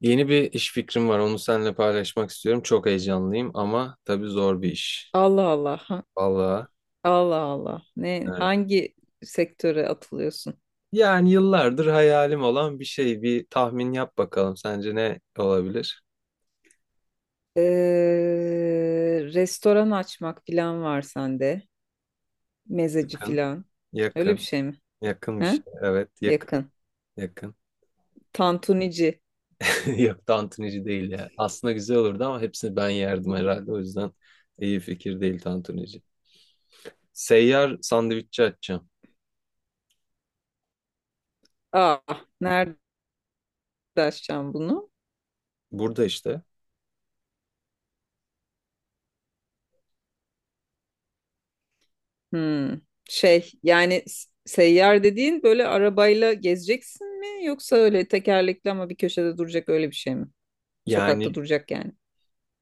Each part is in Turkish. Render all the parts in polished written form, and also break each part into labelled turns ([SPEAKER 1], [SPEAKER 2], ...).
[SPEAKER 1] Yeni bir iş fikrim var. Onu seninle paylaşmak istiyorum. Çok heyecanlıyım ama tabii zor bir iş.
[SPEAKER 2] Allah Allah.
[SPEAKER 1] Vallahi
[SPEAKER 2] Allah Allah. Ne
[SPEAKER 1] evet.
[SPEAKER 2] hangi sektöre atılıyorsun?
[SPEAKER 1] Yani yıllardır hayalim olan bir şey. Bir tahmin yap bakalım. Sence ne olabilir?
[SPEAKER 2] Restoran açmak falan var sende. Mezeci
[SPEAKER 1] Yakın.
[SPEAKER 2] falan. Öyle bir
[SPEAKER 1] Yakın.
[SPEAKER 2] şey mi?
[SPEAKER 1] Yakın bir
[SPEAKER 2] He?
[SPEAKER 1] şey. Evet, yakın.
[SPEAKER 2] Yakın.
[SPEAKER 1] Yakın.
[SPEAKER 2] Tantunici.
[SPEAKER 1] Yok, tantunici değil ya. Aslında güzel olurdu ama hepsini ben yerdim herhalde. O yüzden iyi fikir değil tantunici. Seyyar sandviççi açacağım.
[SPEAKER 2] Ah, nerede açacağım bunu?
[SPEAKER 1] Burada işte.
[SPEAKER 2] Hmm. Şey yani seyyar dediğin böyle arabayla gezeceksin mi? Yoksa öyle tekerlekli ama bir köşede duracak öyle bir şey mi?
[SPEAKER 1] Yani
[SPEAKER 2] Sokakta duracak yani.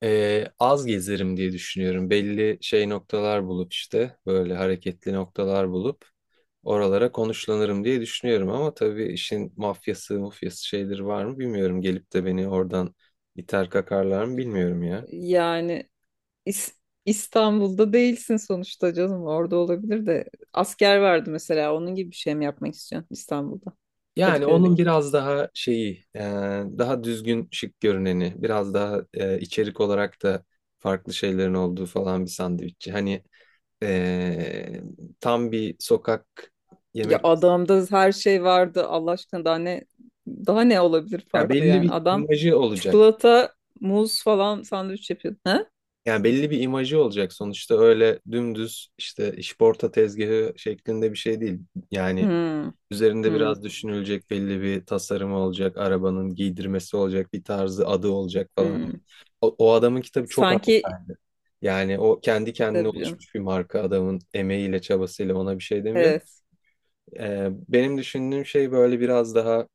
[SPEAKER 1] az gezerim diye düşünüyorum. Belli şey noktalar bulup işte böyle hareketli noktalar bulup oralara konuşlanırım diye düşünüyorum. Ama tabii işin mafyası mufyası şeyleri var mı bilmiyorum. Gelip de beni oradan iter kakarlar mı bilmiyorum ya.
[SPEAKER 2] Yani İs- İstanbul'da değilsin sonuçta canım. Orada olabilir de. Asker vardı mesela. Onun gibi bir şey mi yapmak istiyorsun İstanbul'da?
[SPEAKER 1] Yani onun
[SPEAKER 2] Kadıköy'deki.
[SPEAKER 1] biraz daha şeyi daha düzgün şık görüneni biraz daha içerik olarak da farklı şeylerin olduğu falan bir sandviççi. Hani e, tam bir sokak
[SPEAKER 2] Ya
[SPEAKER 1] yemek
[SPEAKER 2] adamda her şey vardı. Allah aşkına daha ne olabilir
[SPEAKER 1] ya
[SPEAKER 2] farklı
[SPEAKER 1] belli
[SPEAKER 2] yani.
[SPEAKER 1] bir
[SPEAKER 2] Adam
[SPEAKER 1] imajı olacak.
[SPEAKER 2] çikolata, muz falan sandviç yapıyordu. Ha?
[SPEAKER 1] Yani belli bir imajı olacak sonuçta öyle dümdüz işte işporta tezgahı şeklinde bir şey değil. Yani
[SPEAKER 2] Hmm,
[SPEAKER 1] üzerinde
[SPEAKER 2] hmm,
[SPEAKER 1] biraz düşünülecek belli bir tasarımı olacak, arabanın giydirmesi olacak, bir tarzı adı olacak falan.
[SPEAKER 2] hmm.
[SPEAKER 1] O adamın kitabı çok haklı.
[SPEAKER 2] Sanki.
[SPEAKER 1] Yani o kendi kendine
[SPEAKER 2] Tabii canım.
[SPEAKER 1] oluşmuş bir marka adamın emeğiyle çabasıyla ona bir şey demiyorum.
[SPEAKER 2] Evet.
[SPEAKER 1] Benim düşündüğüm şey böyle biraz daha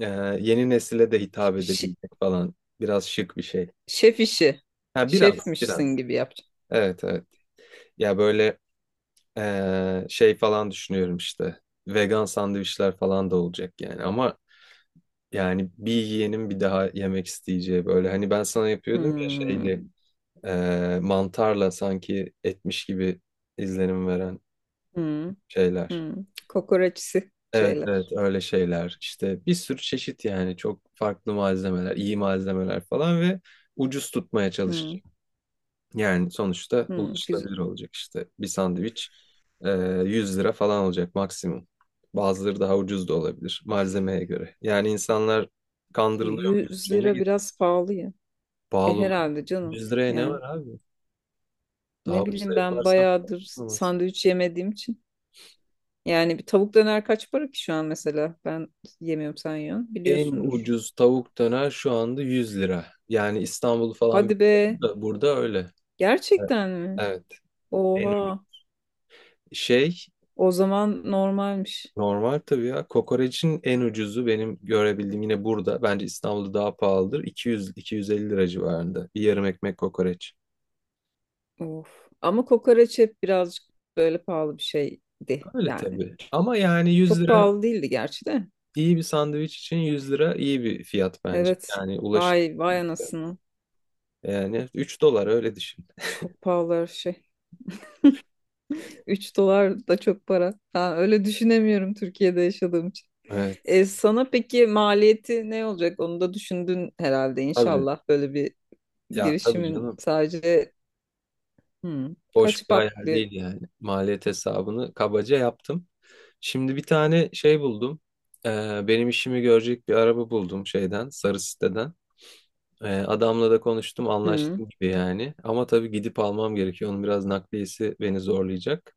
[SPEAKER 1] e, yeni nesile de hitap
[SPEAKER 2] Ş-
[SPEAKER 1] edebilecek falan biraz şık bir şey.
[SPEAKER 2] şef işi.
[SPEAKER 1] Ha, biraz
[SPEAKER 2] Şefmişsin
[SPEAKER 1] biraz,
[SPEAKER 2] gibi yapacağım.
[SPEAKER 1] evet evet. Ya böyle şey falan düşünüyorum işte. Vegan sandviçler falan da olacak yani. Ama yani bir yiyenin bir daha yemek isteyeceği böyle. Hani ben sana yapıyordum ya
[SPEAKER 2] Hmm,
[SPEAKER 1] şeyli mantarla sanki etmiş gibi izlenim veren
[SPEAKER 2] hmm,
[SPEAKER 1] şeyler.
[SPEAKER 2] hmm. Kokoreçsi
[SPEAKER 1] Evet evet,
[SPEAKER 2] şeyler.
[SPEAKER 1] öyle şeyler. İşte bir sürü çeşit yani çok farklı malzemeler, iyi malzemeler falan ve ucuz tutmaya
[SPEAKER 2] Hmm,
[SPEAKER 1] çalışacağım. Yani sonuçta
[SPEAKER 2] hmm. Güzel.
[SPEAKER 1] ulaşılabilir olacak işte. Bir sandviç e, 100 lira falan olacak maksimum. Bazıları daha ucuz da olabilir malzemeye göre. Yani insanlar kandırılıyor bir
[SPEAKER 2] 100
[SPEAKER 1] şeyine
[SPEAKER 2] lira
[SPEAKER 1] gir.
[SPEAKER 2] biraz pahalı ya. E
[SPEAKER 1] Pahalı olur.
[SPEAKER 2] herhalde canım.
[SPEAKER 1] 100 liraya ne
[SPEAKER 2] Yani
[SPEAKER 1] var abi? Daha
[SPEAKER 2] ne
[SPEAKER 1] ucuza
[SPEAKER 2] bileyim ben
[SPEAKER 1] yaparsam
[SPEAKER 2] bayağıdır
[SPEAKER 1] olmaz.
[SPEAKER 2] sandviç yemediğim için. Yani bir tavuk döner kaç para ki şu an mesela? Ben yemiyorum, sen yiyorsun.
[SPEAKER 1] En
[SPEAKER 2] Biliyorsundur.
[SPEAKER 1] ucuz tavuk döner şu anda 100 lira. Yani İstanbul'u falan
[SPEAKER 2] Hadi be.
[SPEAKER 1] bilmiyorum da burada öyle. Evet.
[SPEAKER 2] Gerçekten mi?
[SPEAKER 1] Evet. En ucuz
[SPEAKER 2] Oha.
[SPEAKER 1] şey.
[SPEAKER 2] O zaman normalmiş.
[SPEAKER 1] Normal tabii ya. Kokoreçin en ucuzu benim görebildiğim yine burada. Bence İstanbul'da daha pahalıdır. 200-250 lira civarında. Bir yarım ekmek kokoreç.
[SPEAKER 2] Of. Ama kokoreç hep birazcık böyle pahalı bir şeydi
[SPEAKER 1] Öyle
[SPEAKER 2] yani.
[SPEAKER 1] tabii. Ama yani 100
[SPEAKER 2] Çok
[SPEAKER 1] lira,
[SPEAKER 2] pahalı değildi gerçi de.
[SPEAKER 1] iyi bir sandviç için 100 lira iyi bir fiyat bence.
[SPEAKER 2] Evet.
[SPEAKER 1] Yani ulaşılır.
[SPEAKER 2] Vay vay anasını.
[SPEAKER 1] Yani 3 dolar öyle düşün.
[SPEAKER 2] Çok pahalı her şey. 3 dolar da çok para. Ha, öyle düşünemiyorum Türkiye'de yaşadığım için.
[SPEAKER 1] Evet.
[SPEAKER 2] E, sana peki maliyeti ne olacak? Onu da düşündün herhalde
[SPEAKER 1] Tabii.
[SPEAKER 2] inşallah böyle bir
[SPEAKER 1] Ya tabii
[SPEAKER 2] girişimin
[SPEAKER 1] canım.
[SPEAKER 2] sadece
[SPEAKER 1] Boş
[SPEAKER 2] kaç
[SPEAKER 1] bir hayal
[SPEAKER 2] farklı
[SPEAKER 1] değil yani. Maliyet hesabını kabaca yaptım. Şimdi bir tane şey buldum. Benim işimi görecek bir araba buldum şeyden, sarı siteden. Adamla da konuştum,
[SPEAKER 2] hmm,
[SPEAKER 1] anlaştım gibi yani. Ama tabii gidip almam gerekiyor. Onun biraz nakliyesi beni zorlayacak.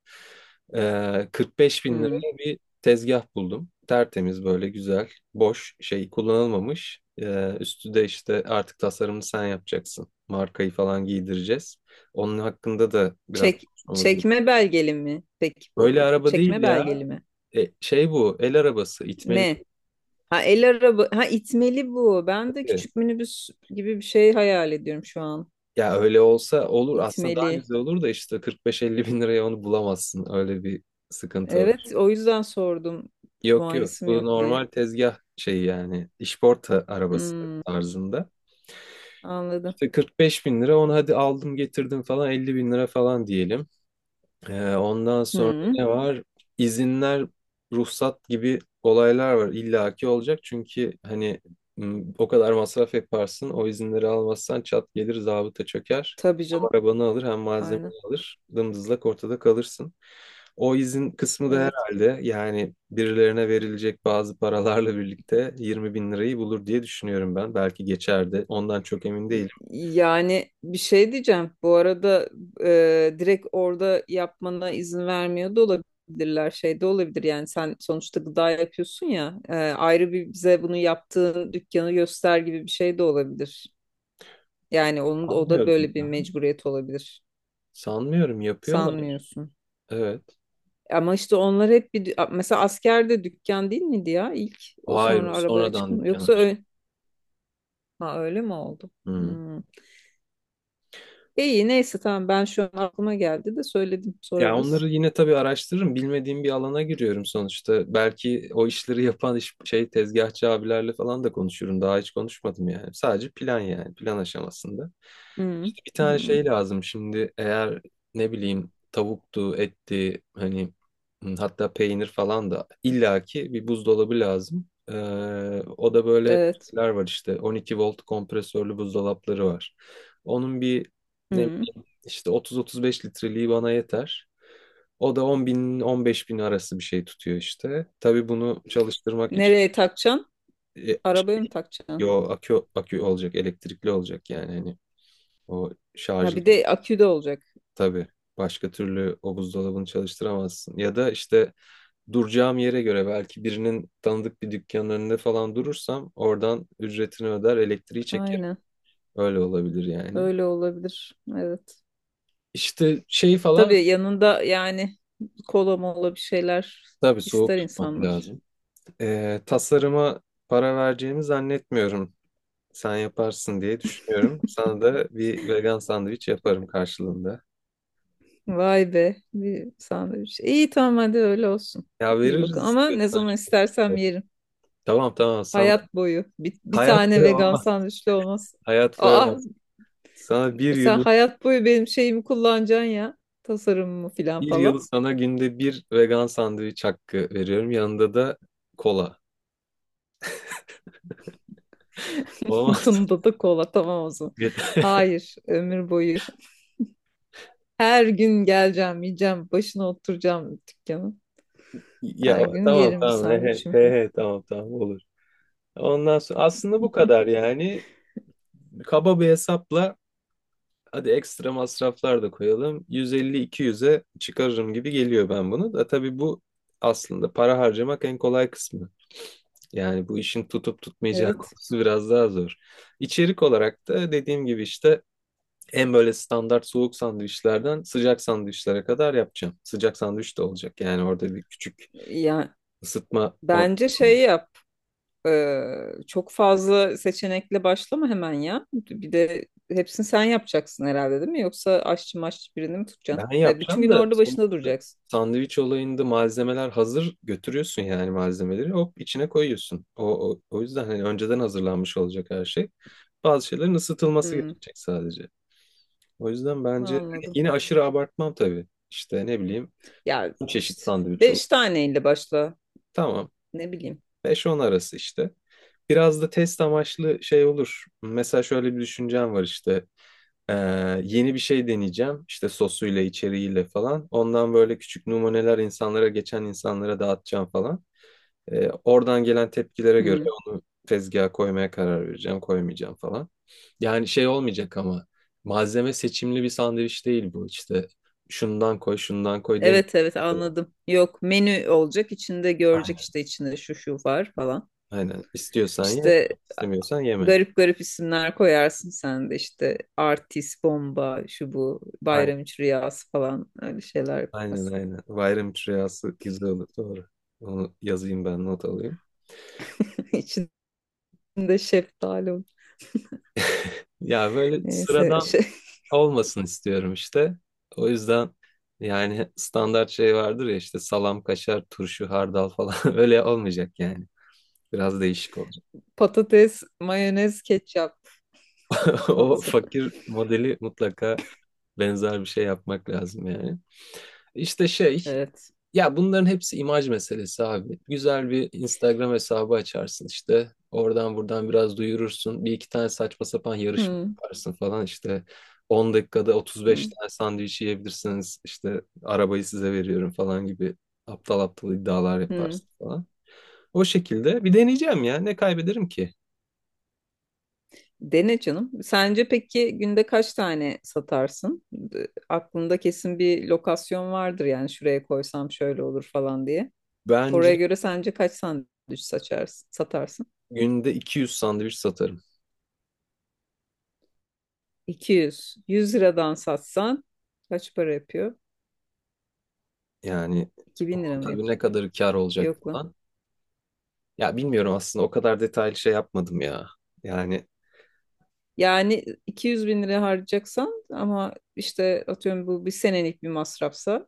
[SPEAKER 1] 45 bin
[SPEAKER 2] hmm.
[SPEAKER 1] liraya bir tezgah buldum. Tertemiz böyle güzel, boş şey kullanılmamış. Üstü de işte artık tasarımını sen yapacaksın. Markayı falan giydireceğiz. Onun hakkında da biraz
[SPEAKER 2] Çek,
[SPEAKER 1] konuşmamız gerekiyor.
[SPEAKER 2] çekme belgeli mi? Peki bu.
[SPEAKER 1] Böyle araba değil
[SPEAKER 2] Çekme
[SPEAKER 1] ya.
[SPEAKER 2] belgeli mi?
[SPEAKER 1] Şey bu, el arabası, itmeli.
[SPEAKER 2] Ne? Ha el araba, ha itmeli bu. Ben de küçük minibüs gibi bir şey hayal ediyorum şu an.
[SPEAKER 1] Ya öyle olsa olur. Aslında daha
[SPEAKER 2] İtmeli.
[SPEAKER 1] güzel olur da işte 45-50 bin liraya onu bulamazsın. Öyle bir sıkıntı var.
[SPEAKER 2] Evet, o yüzden sordum.
[SPEAKER 1] Yok yok.
[SPEAKER 2] Muayenesi mi
[SPEAKER 1] Bu
[SPEAKER 2] yok diye.
[SPEAKER 1] normal tezgah şeyi yani. İşporta arabası
[SPEAKER 2] Hmm,
[SPEAKER 1] tarzında.
[SPEAKER 2] Anladım.
[SPEAKER 1] İşte 45 bin lira, onu hadi aldım getirdim falan 50 bin lira falan diyelim. Ondan sonra
[SPEAKER 2] Hmm,
[SPEAKER 1] ne var? İzinler, ruhsat gibi olaylar var. İllaki olacak çünkü hani o kadar masraf yaparsın. O izinleri almazsan çat gelir zabıta çöker.
[SPEAKER 2] tabii
[SPEAKER 1] Hem
[SPEAKER 2] canım.
[SPEAKER 1] arabanı alır hem
[SPEAKER 2] Aynen.
[SPEAKER 1] malzemeni alır. Dımdızlak ortada kalırsın. O izin kısmı da
[SPEAKER 2] Evet.
[SPEAKER 1] herhalde yani birilerine verilecek bazı paralarla birlikte 20 bin lirayı bulur diye düşünüyorum ben. Belki geçerdi. Ondan çok emin değilim.
[SPEAKER 2] Yani bir şey diyeceğim. Bu arada direkt orada yapmana izin vermiyor da olabilirler. Şey de olabilir yani sen sonuçta gıda yapıyorsun ya. Ayrı bir bize bunu yaptığın dükkanı göster gibi bir şey de olabilir. Yani onun o da
[SPEAKER 1] Sanmıyorum
[SPEAKER 2] böyle bir
[SPEAKER 1] ya.
[SPEAKER 2] mecburiyet olabilir.
[SPEAKER 1] Sanmıyorum yapıyorlar.
[SPEAKER 2] Sanmıyorsun.
[SPEAKER 1] Evet.
[SPEAKER 2] Ama işte onlar hep bir mesela askerde dükkan değil miydi ya ilk o
[SPEAKER 1] Hayır,
[SPEAKER 2] sonra
[SPEAKER 1] o
[SPEAKER 2] arabaya
[SPEAKER 1] sonradan
[SPEAKER 2] çıkmadı.
[SPEAKER 1] dükkan
[SPEAKER 2] Yoksa
[SPEAKER 1] aç.
[SPEAKER 2] öyle, ha, öyle mi oldu?
[SPEAKER 1] Hı.
[SPEAKER 2] Hmm. E, İyi neyse tamam ben şu an aklıma geldi de söyledim,
[SPEAKER 1] Ya
[SPEAKER 2] sorarız.
[SPEAKER 1] onları yine tabii araştırırım. Bilmediğim bir alana giriyorum sonuçta. Belki o işleri yapan iş, şey tezgahçı abilerle falan da konuşurum. Daha hiç konuşmadım yani. Sadece plan yani. Plan aşamasında.
[SPEAKER 2] Hı
[SPEAKER 1] İşte bir tane
[SPEAKER 2] hı.
[SPEAKER 1] şey lazım şimdi. Eğer ne bileyim tavuktu, etti hani hı, hatta peynir falan da illaki bir buzdolabı lazım. O da böyle
[SPEAKER 2] Evet.
[SPEAKER 1] şeyler var işte. 12 volt kompresörlü buzdolapları var. Onun bir ne.
[SPEAKER 2] Hı.
[SPEAKER 1] İşte 30-35 litreliği bana yeter. O da 10 bin 15 bin arası bir şey tutuyor işte. Tabii bunu çalıştırmak için
[SPEAKER 2] Nereye takacaksın?
[SPEAKER 1] e,
[SPEAKER 2] Arabaya
[SPEAKER 1] şey,
[SPEAKER 2] mı takacaksın?
[SPEAKER 1] yo, akü olacak, elektrikli olacak yani hani o
[SPEAKER 2] Ha
[SPEAKER 1] şarjlı
[SPEAKER 2] bir de akü de olacak.
[SPEAKER 1] tabii. Başka türlü o buzdolabını çalıştıramazsın. Ya da işte duracağım yere göre belki birinin tanıdık bir dükkanın önünde falan durursam oradan ücretini öder, elektriği çekerim.
[SPEAKER 2] Aynen.
[SPEAKER 1] Öyle olabilir yani.
[SPEAKER 2] Öyle olabilir. Evet.
[SPEAKER 1] İşte şey falan,
[SPEAKER 2] Tabii yanında yani kola mola bir şeyler
[SPEAKER 1] tabii soğuk
[SPEAKER 2] ister
[SPEAKER 1] tutmak
[SPEAKER 2] insanlar.
[SPEAKER 1] lazım. Tasarıma para vereceğimi zannetmiyorum. Sen yaparsın diye düşünüyorum. Sana da bir vegan sandviç yaparım karşılığında.
[SPEAKER 2] Vay be. Bir sandviç. İyi, tamam, hadi öyle olsun.
[SPEAKER 1] Ya
[SPEAKER 2] İyi bakın.
[SPEAKER 1] veririz
[SPEAKER 2] Ama ne
[SPEAKER 1] istiyorsan
[SPEAKER 2] zaman istersem
[SPEAKER 1] şimdi.
[SPEAKER 2] yerim.
[SPEAKER 1] Tamam tamam sana
[SPEAKER 2] Hayat boyu. Bir, bir
[SPEAKER 1] hayat
[SPEAKER 2] tane
[SPEAKER 1] boyu
[SPEAKER 2] vegan
[SPEAKER 1] olmaz.
[SPEAKER 2] sandviçli olmaz.
[SPEAKER 1] Hayat boyu
[SPEAKER 2] Aa,
[SPEAKER 1] olmaz. Sana bir
[SPEAKER 2] sen
[SPEAKER 1] yıl,
[SPEAKER 2] hayat boyu benim şeyimi kullanacaksın ya. Tasarımımı filan
[SPEAKER 1] bir yıl
[SPEAKER 2] falan.
[SPEAKER 1] sana günde bir vegan sandviç hakkı veriyorum. Yanında da kola. Olmaz.
[SPEAKER 2] Yanında da kola tamam olsun. Hayır, ömür boyu. Her gün geleceğim, yiyeceğim, başına oturacağım dükkanın.
[SPEAKER 1] Ya
[SPEAKER 2] Her gün
[SPEAKER 1] tamam
[SPEAKER 2] yerim bir
[SPEAKER 1] tamam, he, he,
[SPEAKER 2] sandviçimi.
[SPEAKER 1] he, he, tamam tamam olur. Ondan sonra aslında bu kadar yani. Kaba bir hesapla. Hadi ekstra masraflar da koyalım. 150-200'e çıkarırım gibi geliyor ben bunu. Da tabii bu aslında para harcamak en kolay kısmı. Yani bu işin tutup tutmayacağı
[SPEAKER 2] Evet.
[SPEAKER 1] konusu biraz daha zor. İçerik olarak da dediğim gibi işte en böyle standart soğuk sandviçlerden sıcak sandviçlere kadar yapacağım. Sıcak sandviç de olacak. Yani orada bir küçük
[SPEAKER 2] Yani
[SPEAKER 1] ısıtma
[SPEAKER 2] bence
[SPEAKER 1] ortamı.
[SPEAKER 2] şey yap. Çok fazla seçenekle başlama hemen ya. Bir de hepsini sen yapacaksın herhalde değil mi? Yoksa aşçı maşçı birini mi tutacaksın?
[SPEAKER 1] Ben
[SPEAKER 2] Ve bütün
[SPEAKER 1] yapacağım
[SPEAKER 2] gün
[SPEAKER 1] da
[SPEAKER 2] orada başında
[SPEAKER 1] sonuçta
[SPEAKER 2] duracaksın.
[SPEAKER 1] sandviç olayında malzemeler hazır götürüyorsun yani malzemeleri hop içine koyuyorsun. O yüzden hani önceden hazırlanmış olacak her şey. Bazı şeylerin ısıtılması
[SPEAKER 2] Hmm,
[SPEAKER 1] gerekecek sadece. O yüzden bence
[SPEAKER 2] Anladım.
[SPEAKER 1] yine aşırı abartmam tabii. İşte ne bileyim
[SPEAKER 2] Ya
[SPEAKER 1] bir çeşit
[SPEAKER 2] işte
[SPEAKER 1] sandviç olur.
[SPEAKER 2] beş taneyle başla.
[SPEAKER 1] Tamam,
[SPEAKER 2] Ne bileyim.
[SPEAKER 1] beş on arası işte. Biraz da test amaçlı şey olur. Mesela şöyle bir düşüncem var işte. Ee, yeni bir şey deneyeceğim. İşte sosuyla, içeriğiyle falan. Ondan böyle küçük numuneler insanlara, geçen insanlara dağıtacağım falan. Oradan gelen tepkilere göre
[SPEAKER 2] Hmm.
[SPEAKER 1] onu tezgaha koymaya karar vereceğim, koymayacağım falan. Yani şey olmayacak ama malzeme seçimli bir sandviç değil bu. İşte şundan koy, şundan koy demiyorum.
[SPEAKER 2] Evet, evet, anladım. Yok, menü olacak içinde görecek
[SPEAKER 1] Aynen,
[SPEAKER 2] işte içinde şu şu var falan.
[SPEAKER 1] aynen. İstiyorsan ye,
[SPEAKER 2] İşte
[SPEAKER 1] istemiyorsan yeme.
[SPEAKER 2] garip garip isimler koyarsın sen de, işte artist, bomba, şu bu,
[SPEAKER 1] Aynen,
[SPEAKER 2] bayram üç rüyası falan, öyle şeyler
[SPEAKER 1] aynen,
[SPEAKER 2] yaparsın.
[SPEAKER 1] aynen. Bayram rüyası güzel olur, doğru. Onu yazayım ben, not alayım.
[SPEAKER 2] İçinde şeftali olur.
[SPEAKER 1] Ya böyle
[SPEAKER 2] Neyse
[SPEAKER 1] sıradan
[SPEAKER 2] şey,
[SPEAKER 1] olmasın istiyorum işte. O yüzden yani standart şey vardır ya işte salam, kaşar, turşu, hardal falan öyle olmayacak yani. Biraz değişik olacak.
[SPEAKER 2] patates, mayonez, ketçap,
[SPEAKER 1] O
[SPEAKER 2] patsı.
[SPEAKER 1] fakir modeli mutlaka benzer bir şey yapmak lazım yani. İşte şey.
[SPEAKER 2] Evet.
[SPEAKER 1] Ya bunların hepsi imaj meselesi abi. Güzel bir Instagram hesabı açarsın işte. Oradan buradan biraz duyurursun. Bir iki tane saçma sapan yarışma
[SPEAKER 2] Hmm,
[SPEAKER 1] yaparsın falan işte. 10 dakikada 35
[SPEAKER 2] hmm,
[SPEAKER 1] tane sandviç yiyebilirsiniz. İşte arabayı size veriyorum falan gibi aptal aptal iddialar
[SPEAKER 2] hmm.
[SPEAKER 1] yaparsın falan. O şekilde bir deneyeceğim ya. Ne kaybederim ki?
[SPEAKER 2] Dene canım. Sence peki günde kaç tane satarsın? Aklında kesin bir lokasyon vardır yani şuraya koysam şöyle olur falan diye.
[SPEAKER 1] Bence
[SPEAKER 2] Oraya göre sence kaç sandviç saçarsın, satarsın?
[SPEAKER 1] günde 200 sandviç satarım.
[SPEAKER 2] 200. 100 liradan satsan kaç para yapıyor?
[SPEAKER 1] Yani
[SPEAKER 2] 2000 lira mı
[SPEAKER 1] tabii ne
[SPEAKER 2] yapıyor?
[SPEAKER 1] kadar kar olacak
[SPEAKER 2] Yok lan.
[SPEAKER 1] falan. Ya bilmiyorum aslında o kadar detaylı şey yapmadım ya. Yani
[SPEAKER 2] Yani 200 bin lira harcayacaksan ama işte atıyorum bu bir senelik bir masrafsa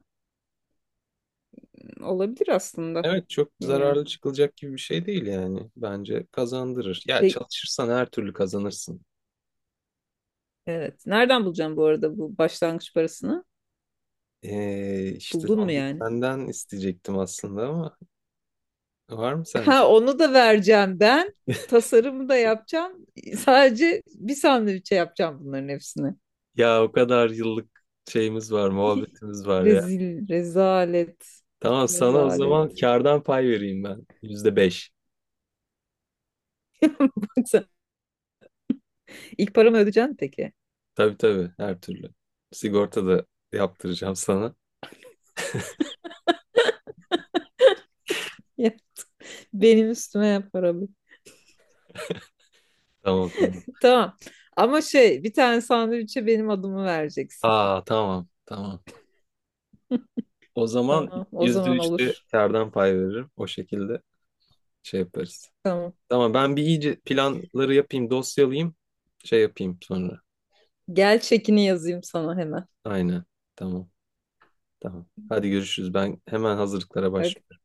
[SPEAKER 2] olabilir aslında.
[SPEAKER 1] evet, çok
[SPEAKER 2] Bilmiyorum.
[SPEAKER 1] zararlı çıkılacak gibi bir şey değil yani. Bence kazandırır. Ya
[SPEAKER 2] Peki,
[SPEAKER 1] çalışırsan her türlü kazanırsın.
[SPEAKER 2] evet. Nereden bulacağım bu arada bu başlangıç parasını?
[SPEAKER 1] İşte
[SPEAKER 2] Buldun mu
[SPEAKER 1] onu
[SPEAKER 2] yani?
[SPEAKER 1] senden isteyecektim aslında ama var mı sende?
[SPEAKER 2] Ha, onu da vereceğim ben. Tasarımı da yapacağım. Sadece bir sandviçe yapacağım bunların hepsini.
[SPEAKER 1] Ya o kadar yıllık şeyimiz var, muhabbetimiz var ya.
[SPEAKER 2] Rezil, rezalet,
[SPEAKER 1] Tamam sana o
[SPEAKER 2] rezalet.
[SPEAKER 1] zaman kardan pay vereyim ben. %5.
[SPEAKER 2] Yoksa ilk paramı ödeyeceksin peki.
[SPEAKER 1] Tabii tabii, her türlü. Sigorta da yaptıracağım sana.
[SPEAKER 2] Ya, benim üstüme yap paramı.
[SPEAKER 1] Tamam tamam.
[SPEAKER 2] Tamam. Ama şey bir tane sandviçe benim adımı vereceksin.
[SPEAKER 1] Aa tamam tamam. O zaman
[SPEAKER 2] Tamam, o
[SPEAKER 1] yüzde
[SPEAKER 2] zaman
[SPEAKER 1] üçte
[SPEAKER 2] olur.
[SPEAKER 1] kardan pay veririm. O şekilde şey yaparız.
[SPEAKER 2] Tamam.
[SPEAKER 1] Tamam ben bir iyice planları yapayım, dosyalayayım. Şey yapayım sonra.
[SPEAKER 2] Gel çekini yazayım sana hemen.
[SPEAKER 1] Aynen. Tamam. Tamam. Hadi görüşürüz. Ben hemen hazırlıklara
[SPEAKER 2] Hadi.
[SPEAKER 1] başlıyorum.